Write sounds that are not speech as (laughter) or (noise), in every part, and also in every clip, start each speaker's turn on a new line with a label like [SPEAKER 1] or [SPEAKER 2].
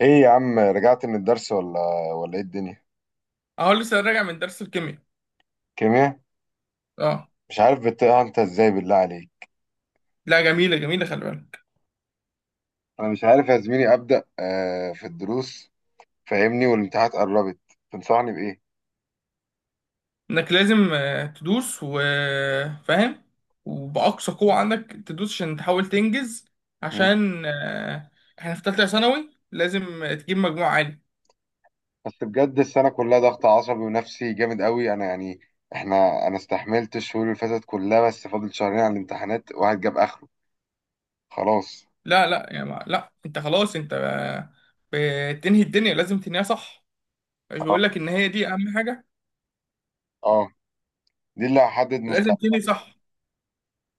[SPEAKER 1] ايه يا عم، رجعت من الدرس ولا ايه الدنيا؟
[SPEAKER 2] اهو لسه راجع من درس الكيمياء.
[SPEAKER 1] كيمياء.
[SPEAKER 2] اه،
[SPEAKER 1] مش عارف بتقع انت ازاي، بالله عليك.
[SPEAKER 2] لا، جميلة جميلة، خلي بالك
[SPEAKER 1] انا مش عارف يا زميلي ابدا، في الدروس فاهمني، والامتحانات قربت. تنصحني بايه؟
[SPEAKER 2] انك لازم تدوس وفاهم، وبأقصى قوة عندك تدوس عشان تحاول تنجز،
[SPEAKER 1] مم.
[SPEAKER 2] عشان احنا في تالتة ثانوي لازم تجيب مجموع عالي.
[SPEAKER 1] بس بجد السنه كلها ضغط عصبي ونفسي جامد قوي، انا يعني انا استحملت الشهور اللي فاتت كلها، بس فاضل شهرين على الامتحانات، واحد جاب اخره. خلاص.
[SPEAKER 2] لا لا يا ما لا، انت خلاص، انت بتنهي الدنيا لازم تنهيها صح. مش
[SPEAKER 1] اه.
[SPEAKER 2] بقول لك ان هي دي اهم حاجة،
[SPEAKER 1] آه. دي اللي هحدد.
[SPEAKER 2] لازم تنهي صح.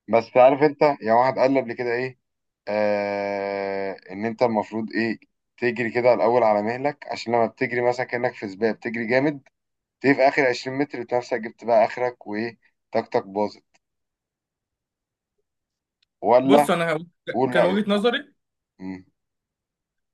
[SPEAKER 1] بس عارف انت، يعني واحد قال لي قبل كده ايه، ان انت المفروض ايه، تجري كده الاول على مهلك، عشان لما بتجري مثلا كانك في سباق بتجري جامد، تيجي في اخر 20 متر بتلاقي نفسك جبت بقى اخرك، وايه، طاقتك باظت ولا؟
[SPEAKER 2] بص، انا
[SPEAKER 1] قول
[SPEAKER 2] كان
[SPEAKER 1] رايك.
[SPEAKER 2] وجهة نظري،
[SPEAKER 1] مم.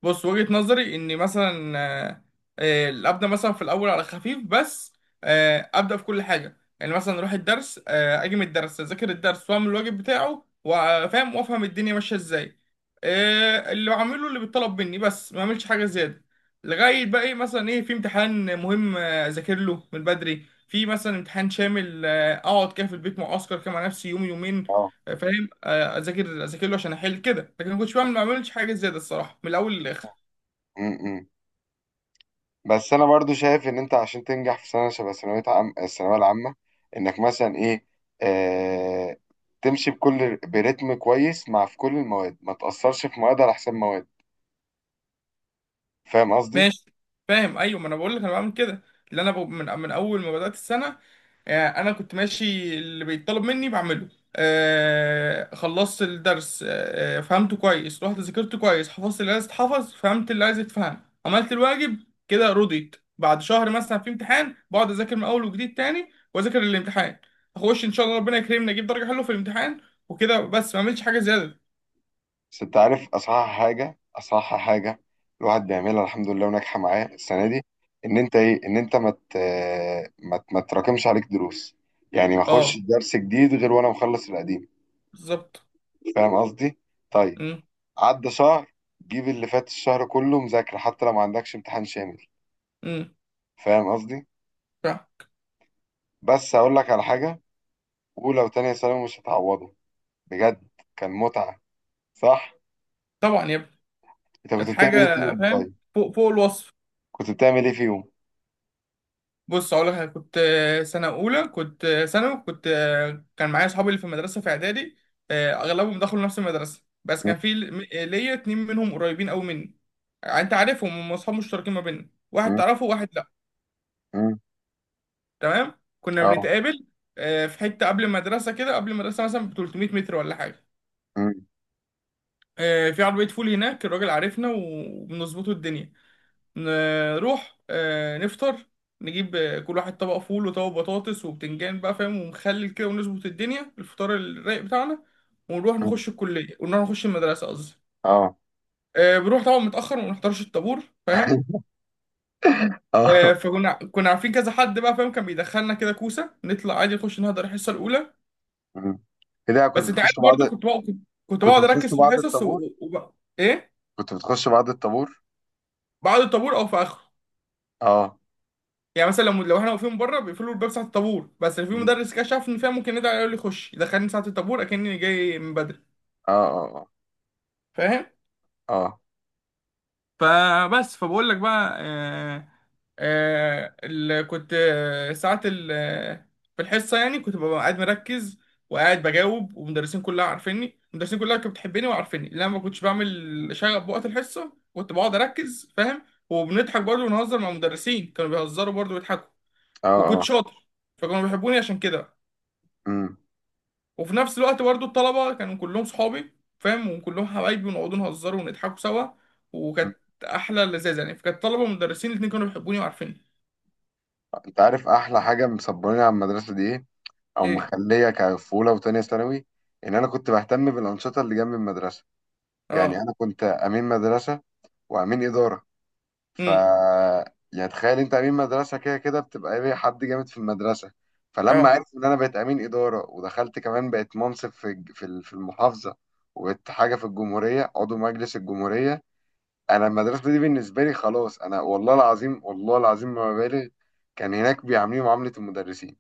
[SPEAKER 2] بص وجهة نظري ان مثلا ابدا مثلا في الاول على خفيف بس، ابدا في كل حاجه، يعني مثلا اروح الدرس، اجي من الدرس اذاكر الدرس واعمل الواجب بتاعه، وافهم وافهم الدنيا ماشيه ازاي، اللي بعمله اللي بيطلب مني، بس ما اعملش حاجه زياده. لغايه بقى ايه، مثلا ايه، في امتحان مهم اذاكر له من بدري، في مثلا امتحان شامل اقعد كده في البيت معسكر كده مع نفسي يوم يومين،
[SPEAKER 1] اه.
[SPEAKER 2] فاهم، اذاكر له عشان احل كده، لكن ما بعملش حاجه زياده الصراحه من الاول للاخر.
[SPEAKER 1] مم. مم. بس انا برضو شايف ان انت عشان تنجح في سنه شبه ثانويه عام، الثانويه العامه، انك مثلا ايه، آه تمشي بكل برتم كويس مع في كل المواد، ما تاثرش في مواد على حساب مواد. فاهم قصدي؟
[SPEAKER 2] ماشي، فاهم، ايوه، ما انا بقول لك انا بعمل كده. اللي انا من اول ما بدات السنه، انا كنت ماشي اللي بيطلب مني بعمله، خلصت الدرس، فهمته كويس، رحت ذاكرته كويس، حفظت اللي عايز يتحفظ، فهمت اللي عايز يتفهم، عملت الواجب كده، رضيت. بعد شهر مثلا في امتحان بقعد اذاكر من اول وجديد تاني واذاكر الامتحان، اخش ان شاء الله ربنا يكرمني اجيب درجه حلوه في الامتحان. وكده بس، ما اعملش حاجه زياده.
[SPEAKER 1] بس انت عارف اصح حاجه، اصح حاجه الواحد بيعملها الحمد لله وناجحه معاه السنه دي، ان انت ايه، ان انت ما تراكمش عليك دروس. يعني ما اخش
[SPEAKER 2] اه،
[SPEAKER 1] درس جديد غير وانا مخلص القديم.
[SPEAKER 2] بالظبط.
[SPEAKER 1] فاهم قصدي؟ طيب.
[SPEAKER 2] امم.
[SPEAKER 1] عدى شهر، جيب اللي فات الشهر كله مذاكره حتى لو ما عندكش امتحان شامل.
[SPEAKER 2] امم.
[SPEAKER 1] فاهم قصدي؟ بس اقول لك على حاجه، اولى وتانية ثانوي مش هتعوضه بجد. كان متعه، صح؟
[SPEAKER 2] طبعا يا ابني.
[SPEAKER 1] انت
[SPEAKER 2] كانت
[SPEAKER 1] كنت
[SPEAKER 2] حاجة
[SPEAKER 1] بتعمل ايه فيهم طيب؟
[SPEAKER 2] فاهم فوق فوق الوصف.
[SPEAKER 1] كنت بتعمل ايه فيهم؟
[SPEAKER 2] بص أقول لك حاجة، كنت سنة أولى كنت ثانوي، كنت كان معايا أصحابي اللي في المدرسة في إعدادي، أغلبهم دخلوا نفس المدرسة، بس
[SPEAKER 1] م-
[SPEAKER 2] كان في ليا اتنين منهم قريبين أوي مني. يعني أنت عارفهم، هم أصحاب مشتركين ما بيننا، واحد
[SPEAKER 1] م-
[SPEAKER 2] تعرفه وواحد لأ.
[SPEAKER 1] م.
[SPEAKER 2] تمام. كنا
[SPEAKER 1] اه.
[SPEAKER 2] بنتقابل في حتة قبل المدرسة كده، قبل المدرسة مثلا ب 300 متر ولا حاجة،
[SPEAKER 1] م.
[SPEAKER 2] في عربية فول هناك الراجل عارفنا وبنظبطه الدنيا، نروح نفطر، نجيب كل واحد طبق فول وطبق بطاطس وبتنجان بقى فاهم، ومخلل كده، ونظبط الدنيا الفطار الرايق بتاعنا، ونروح
[SPEAKER 1] مم.
[SPEAKER 2] نخش الكلية، ونروح نخش المدرسة قصدي.
[SPEAKER 1] اه.
[SPEAKER 2] بنروح طبعا متأخر وما نحضرش الطابور فاهم.
[SPEAKER 1] (laughs) اه.
[SPEAKER 2] فكنا عارفين كذا حد بقى فاهم، كان بيدخلنا كده كوسة، نطلع عادي نخش نهدر الحصة الأولى.
[SPEAKER 1] مم. كده كنت
[SPEAKER 2] بس أنت
[SPEAKER 1] بتخش
[SPEAKER 2] عارف
[SPEAKER 1] بعض.
[SPEAKER 2] برضه كنت بقعد، كنت
[SPEAKER 1] كنت
[SPEAKER 2] بقعد
[SPEAKER 1] بتخش
[SPEAKER 2] أركز في
[SPEAKER 1] بعض
[SPEAKER 2] الحصص
[SPEAKER 1] الطابور.
[SPEAKER 2] إيه،
[SPEAKER 1] كنت بتخش بعض الطابور.
[SPEAKER 2] بعد الطابور أو في آخره.
[SPEAKER 1] اه.
[SPEAKER 2] يعني مثلا لو احنا واقفين بره بيقفلوا الباب ساعه الطابور، بس لو في
[SPEAKER 1] مم.
[SPEAKER 2] مدرس كده شاف ان فيها، ممكن يدعي يقول لي خش، يدخلني ساعه الطابور اكني جاي من بدري.
[SPEAKER 1] اه. اه.
[SPEAKER 2] فاهم.
[SPEAKER 1] اه.
[SPEAKER 2] فبقول لك بقى آه آه ال- كنت آه، ساعه ال- آه، في الحصه يعني كنت ببقى قاعد مركز، وقاعد بجاوب، والمدرسين كلها عارفيني، المدرسين كلها كانت بتحبني وعارفيني، لان انا ما كنتش بعمل شغب بوقت الحصه، كنت بقعد اركز فاهم. وبنضحك برضه ونهزر مع المدرسين، كانوا بيهزروا برضه ويضحكوا.
[SPEAKER 1] اه.
[SPEAKER 2] وكنت
[SPEAKER 1] اه.
[SPEAKER 2] شاطر، فكانوا بيحبوني عشان كده.
[SPEAKER 1] امم.
[SPEAKER 2] وفي نفس الوقت برضو الطلبة كانوا كلهم صحابي فاهم، وكلهم حبايبي، ونقعد نهزروا ونضحكوا سوا. وكانت أحلى لذاذة يعني، فكانت طلبة ومدرسين الاتنين كانوا بيحبوني وعارفيني.
[SPEAKER 1] انت عارف احلى حاجه مصبراني على المدرسه دي ايه؟ او
[SPEAKER 2] إيه.
[SPEAKER 1] مخليه كفوله وتانية ثانوي؟ ان انا كنت بهتم بالانشطه اللي جنب المدرسه. يعني
[SPEAKER 2] أه.
[SPEAKER 1] انا كنت امين مدرسه، وامين اداره. ف،
[SPEAKER 2] أمم.
[SPEAKER 1] يعني تخيل انت، امين مدرسه كده كده بتبقى ايه، حد جامد في المدرسه. فلما
[SPEAKER 2] أه.
[SPEAKER 1] عرفوا ان انا بقيت امين اداره ودخلت كمان بقيت منصب في المحافظه، وبقيت حاجه في الجمهوريه، عضو مجلس الجمهوريه. انا المدرسه دي بالنسبه لي خلاص، انا والله العظيم، والله العظيم ما ببالغ، كان هناك بيعاملوني معامله المدرسين.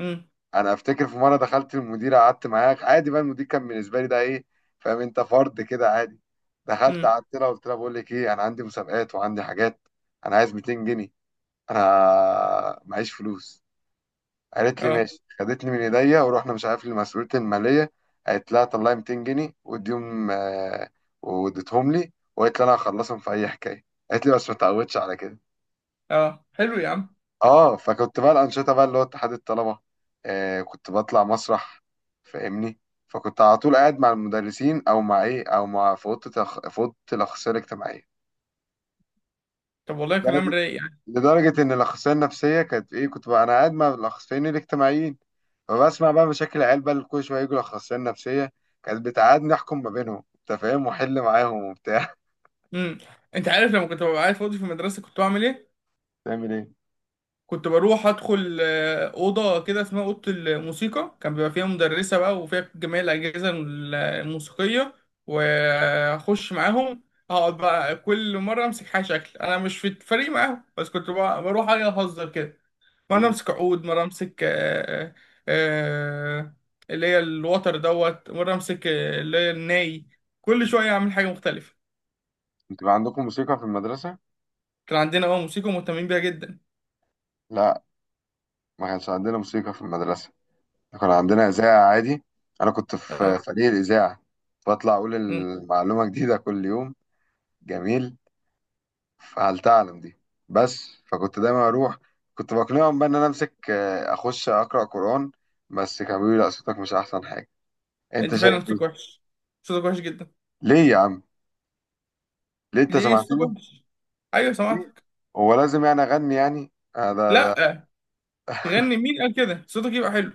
[SPEAKER 2] أمم.
[SPEAKER 1] انا افتكر في مره دخلت المدير قعدت معاه عادي، بقى المدير كان بالنسبه لي ده ايه، فاهم انت، فرد كده عادي. دخلت
[SPEAKER 2] أمم.
[SPEAKER 1] قعدت لها قلت لها بقول لك ايه، انا عندي مسابقات وعندي حاجات، انا عايز 200 جنيه، انا معيش فلوس. قالت لي
[SPEAKER 2] أه.
[SPEAKER 1] ماشي، خدتني من ايديا ورحنا مش عارف لمسؤوليه الماليه، قالت لها طلعي 200 جنيه واديهم، واديتهم لي، وقالت لي انا هخلصهم في اي حكايه، قالت لي بس ما تعودش على كده.
[SPEAKER 2] أه، حلو يا عم.
[SPEAKER 1] اه. فكنت بقى الانشطه بقى اللي هو اتحاد الطلبه، آه كنت بطلع مسرح، فاهمني. فكنت على طول قاعد مع المدرسين او مع ايه، او مع في في اوضه الاخصائيه الاجتماعيه.
[SPEAKER 2] طب والله كلام
[SPEAKER 1] لدرجه،
[SPEAKER 2] رايق يعني.
[SPEAKER 1] لدرجه ان الاخصائيه النفسيه كانت ايه، كنت بقى انا قاعد مع الاخصائيين الاجتماعيين، فبسمع بقى مشاكل العيال بقى اللي كل شويه يجوا الاخصائيه النفسيه، كانت بتقعدني احكم ما بينهم انت فاهم، واحل معاهم وبتاع.
[SPEAKER 2] أمم. أنت عارف لما كنت ببقى قاعد فاضي في المدرسة كنت بعمل إيه؟
[SPEAKER 1] (laughs) تعمل ايه؟
[SPEAKER 2] كنت بروح ادخل اوضه كده اسمها اوضه الموسيقى، كان بيبقى فيها مدرسه بقى، وفيها جميع الاجهزه الموسيقيه، واخش معاهم. اقعد بقى كل مره امسك حاجه، شكل انا مش في الفريق معاهم، بس بروح أجي اهزر كده. مره
[SPEAKER 1] مم.
[SPEAKER 2] امسك عود، مره امسك آه، اللي هي الوتر دوت، مره امسك اللي هي الناي، كل شويه اعمل حاجه مختلفه.
[SPEAKER 1] انتوا بقى عندكم موسيقى في المدرسه؟
[SPEAKER 2] كان عندنا اه موسيقى مهتمين بيها جدا.
[SPEAKER 1] لا، ما كانش عندنا موسيقى في المدرسه، كان عندنا إذاعة عادي. أنا كنت في
[SPEAKER 2] اه.
[SPEAKER 1] فريق الإذاعة، بطلع أقول
[SPEAKER 2] مم.
[SPEAKER 1] المعلومة جديدة كل يوم. جميل، فهل تعلم دي. بس فكنت دايما أروح، كنت بقنعهم بقى إن أنا أمسك، أخش أقرأ قرآن، بس كانوا بيقولوا لي لا صوتك مش أحسن حاجة. أنت
[SPEAKER 2] انت فعلا
[SPEAKER 1] شايف
[SPEAKER 2] صوتك
[SPEAKER 1] إيه؟
[SPEAKER 2] وحش، صوتك وحش جدا.
[SPEAKER 1] ليه يا عم؟ ليه أنت
[SPEAKER 2] ليه صوت
[SPEAKER 1] سمعتني؟
[SPEAKER 2] وحش. ايوه
[SPEAKER 1] ليه؟
[SPEAKER 2] سمعتك.
[SPEAKER 1] هو لازم يعني أغني يعني؟ ده.
[SPEAKER 2] لا، غني مين قال كده صوتك يبقى حلو.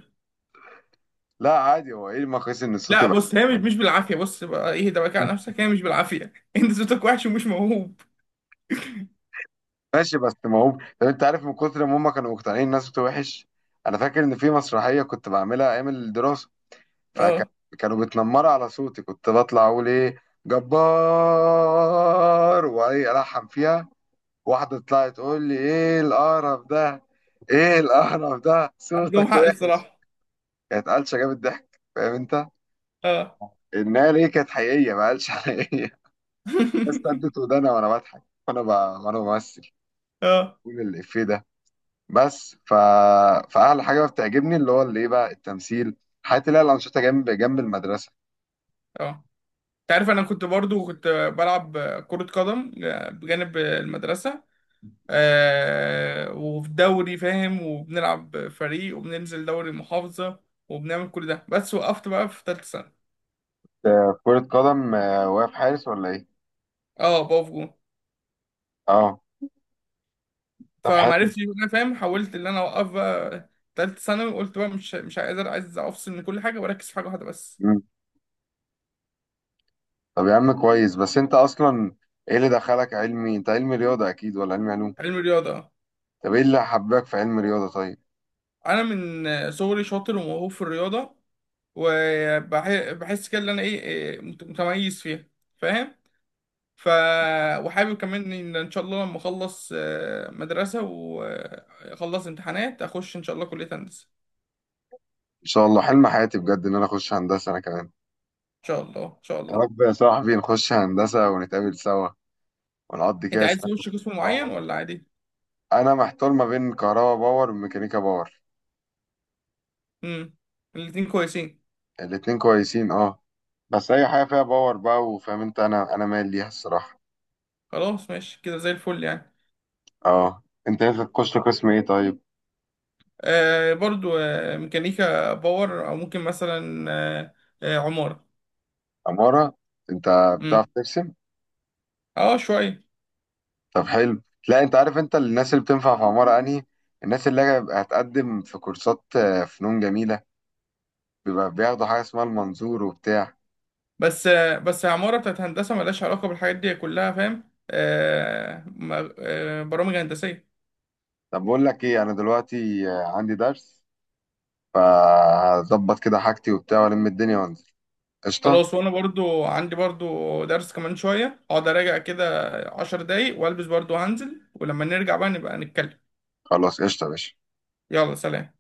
[SPEAKER 1] لا عادي، هو إيه المقاييس إن الصوت
[SPEAKER 2] لا
[SPEAKER 1] يبقى.
[SPEAKER 2] بص، هي مش مش بالعافيه، بص بقى ايه ده بقى على نفسك، هي مش بالعافيه. (laughs) انت صوتك وحش ومش موهوب.
[SPEAKER 1] ماشي، بس ما هو، طب انت عارف من كتر ما هم كانوا مقتنعين الناس بتوع وحش، انا فاكر ان في مسرحيه كنت بعملها ايام الدراسه،
[SPEAKER 2] اه،
[SPEAKER 1] فكانوا بتنمروا على صوتي، كنت بطلع اقول ايه جبار وايه الحن فيها، واحده طلعت تقول لي ايه القرف ده، ايه القرف ده
[SPEAKER 2] عندهم
[SPEAKER 1] صوتك
[SPEAKER 2] حق
[SPEAKER 1] وحش.
[SPEAKER 2] الصراحه.
[SPEAKER 1] كانت قلشه جابت ضحك، فاهم انت،
[SPEAKER 2] اه.
[SPEAKER 1] انها ليه كانت حقيقيه ما قالش حقيقيه. بس
[SPEAKER 2] (laughs)
[SPEAKER 1] سدت ودانا وانا بضحك، وانا بمثل،
[SPEAKER 2] اه.
[SPEAKER 1] بقول الافيه ده. بس ف... فأحلى حاجة بتعجبني اللي هو اللي إيه بقى التمثيل، حياتي اللي هي الأنشطة جنب جنب المدرسة.
[SPEAKER 2] اه، انت عارف انا كنت برضو كنت بلعب كرة قدم بجانب المدرسة، آه، وفي دوري فاهم، وبنلعب فريق وبننزل دوري محافظة، وبنعمل كل ده. بس وقفت بقى في تالتة سنة.
[SPEAKER 1] كرة قدم، واقف حارس ولا إيه؟
[SPEAKER 2] اه، بقف جون.
[SPEAKER 1] أه. طب حلو.
[SPEAKER 2] فمعرفتش انا فاهم، حاولت ان انا اوقف بقى تالتة ثانوي، وقلت بقى مش مش قادر، عايز افصل من كل حاجه واركز في حاجه واحده بس.
[SPEAKER 1] مم. طب يا عم كويس، بس أنت أصلا إيه اللي دخلك علمي؟ أنت علمي رياضة أكيد ولا علمي علوم؟
[SPEAKER 2] علم الرياضه.
[SPEAKER 1] طب إيه اللي حباك في علم رياضة طيب؟
[SPEAKER 2] انا من صغري شاطر وموهوب في الرياضه، وبحس كده ان انا ايه إيه، متميز فيها فاهم. ف، وحابب كمان ان ان شاء الله لما اخلص مدرسه واخلص امتحانات اخش ان شاء الله كليه هندسه.
[SPEAKER 1] إن شاء الله، حلم حياتي بجد إن أنا أخش هندسة أنا كمان.
[SPEAKER 2] ان شاء الله ان شاء
[SPEAKER 1] يا
[SPEAKER 2] الله.
[SPEAKER 1] رب يا صاحبي نخش هندسة ونتقابل سوا، ونقضي
[SPEAKER 2] انت
[SPEAKER 1] كده
[SPEAKER 2] عايز
[SPEAKER 1] سنة
[SPEAKER 2] تخش قسم
[SPEAKER 1] مع
[SPEAKER 2] معين
[SPEAKER 1] بعض.
[SPEAKER 2] ولا عادي؟
[SPEAKER 1] أنا محتار ما بين كهربا باور وميكانيكا باور.
[SPEAKER 2] امم، الاتنين كويسين.
[SPEAKER 1] الاتنين كويسين أه. بس اي حاجه فيها باور بقى، وفاهم انت، انا مايل ليها الصراحه.
[SPEAKER 2] خلاص ماشي كده زي الفل يعني.
[SPEAKER 1] اه، انت نفسك تخش قسم ايه طيب؟
[SPEAKER 2] آه برضو آه ميكانيكا باور، او ممكن مثلا عمارة.
[SPEAKER 1] عماره. انت بتعرف
[SPEAKER 2] امم.
[SPEAKER 1] ترسم؟
[SPEAKER 2] اه شوية.
[SPEAKER 1] طب حلو. لا انت عارف انت الناس اللي بتنفع في عماره انهي؟ الناس اللي هيبقى هتقدم في كورسات، فنون جميله، بيبقى بياخدوا حاجه اسمها المنظور وبتاع.
[SPEAKER 2] بس آه بس عمارة بتاعت هندسة ملهاش علاقة بالحاجات دي كلها فاهم، آه برامج هندسية.
[SPEAKER 1] طب بقول لك ايه، انا دلوقتي عندي درس، فهظبط كده حاجتي وبتاع والم الدنيا وانزل. قشطه.
[SPEAKER 2] خلاص، وانا برضو عندي برضو درس كمان شوية، اقعد اراجع كده عشر دقايق والبس برضو هنزل، ولما نرجع بقى نبقى نتكلم.
[SPEAKER 1] خلاص قشطه يا باشا.
[SPEAKER 2] يلا سلام.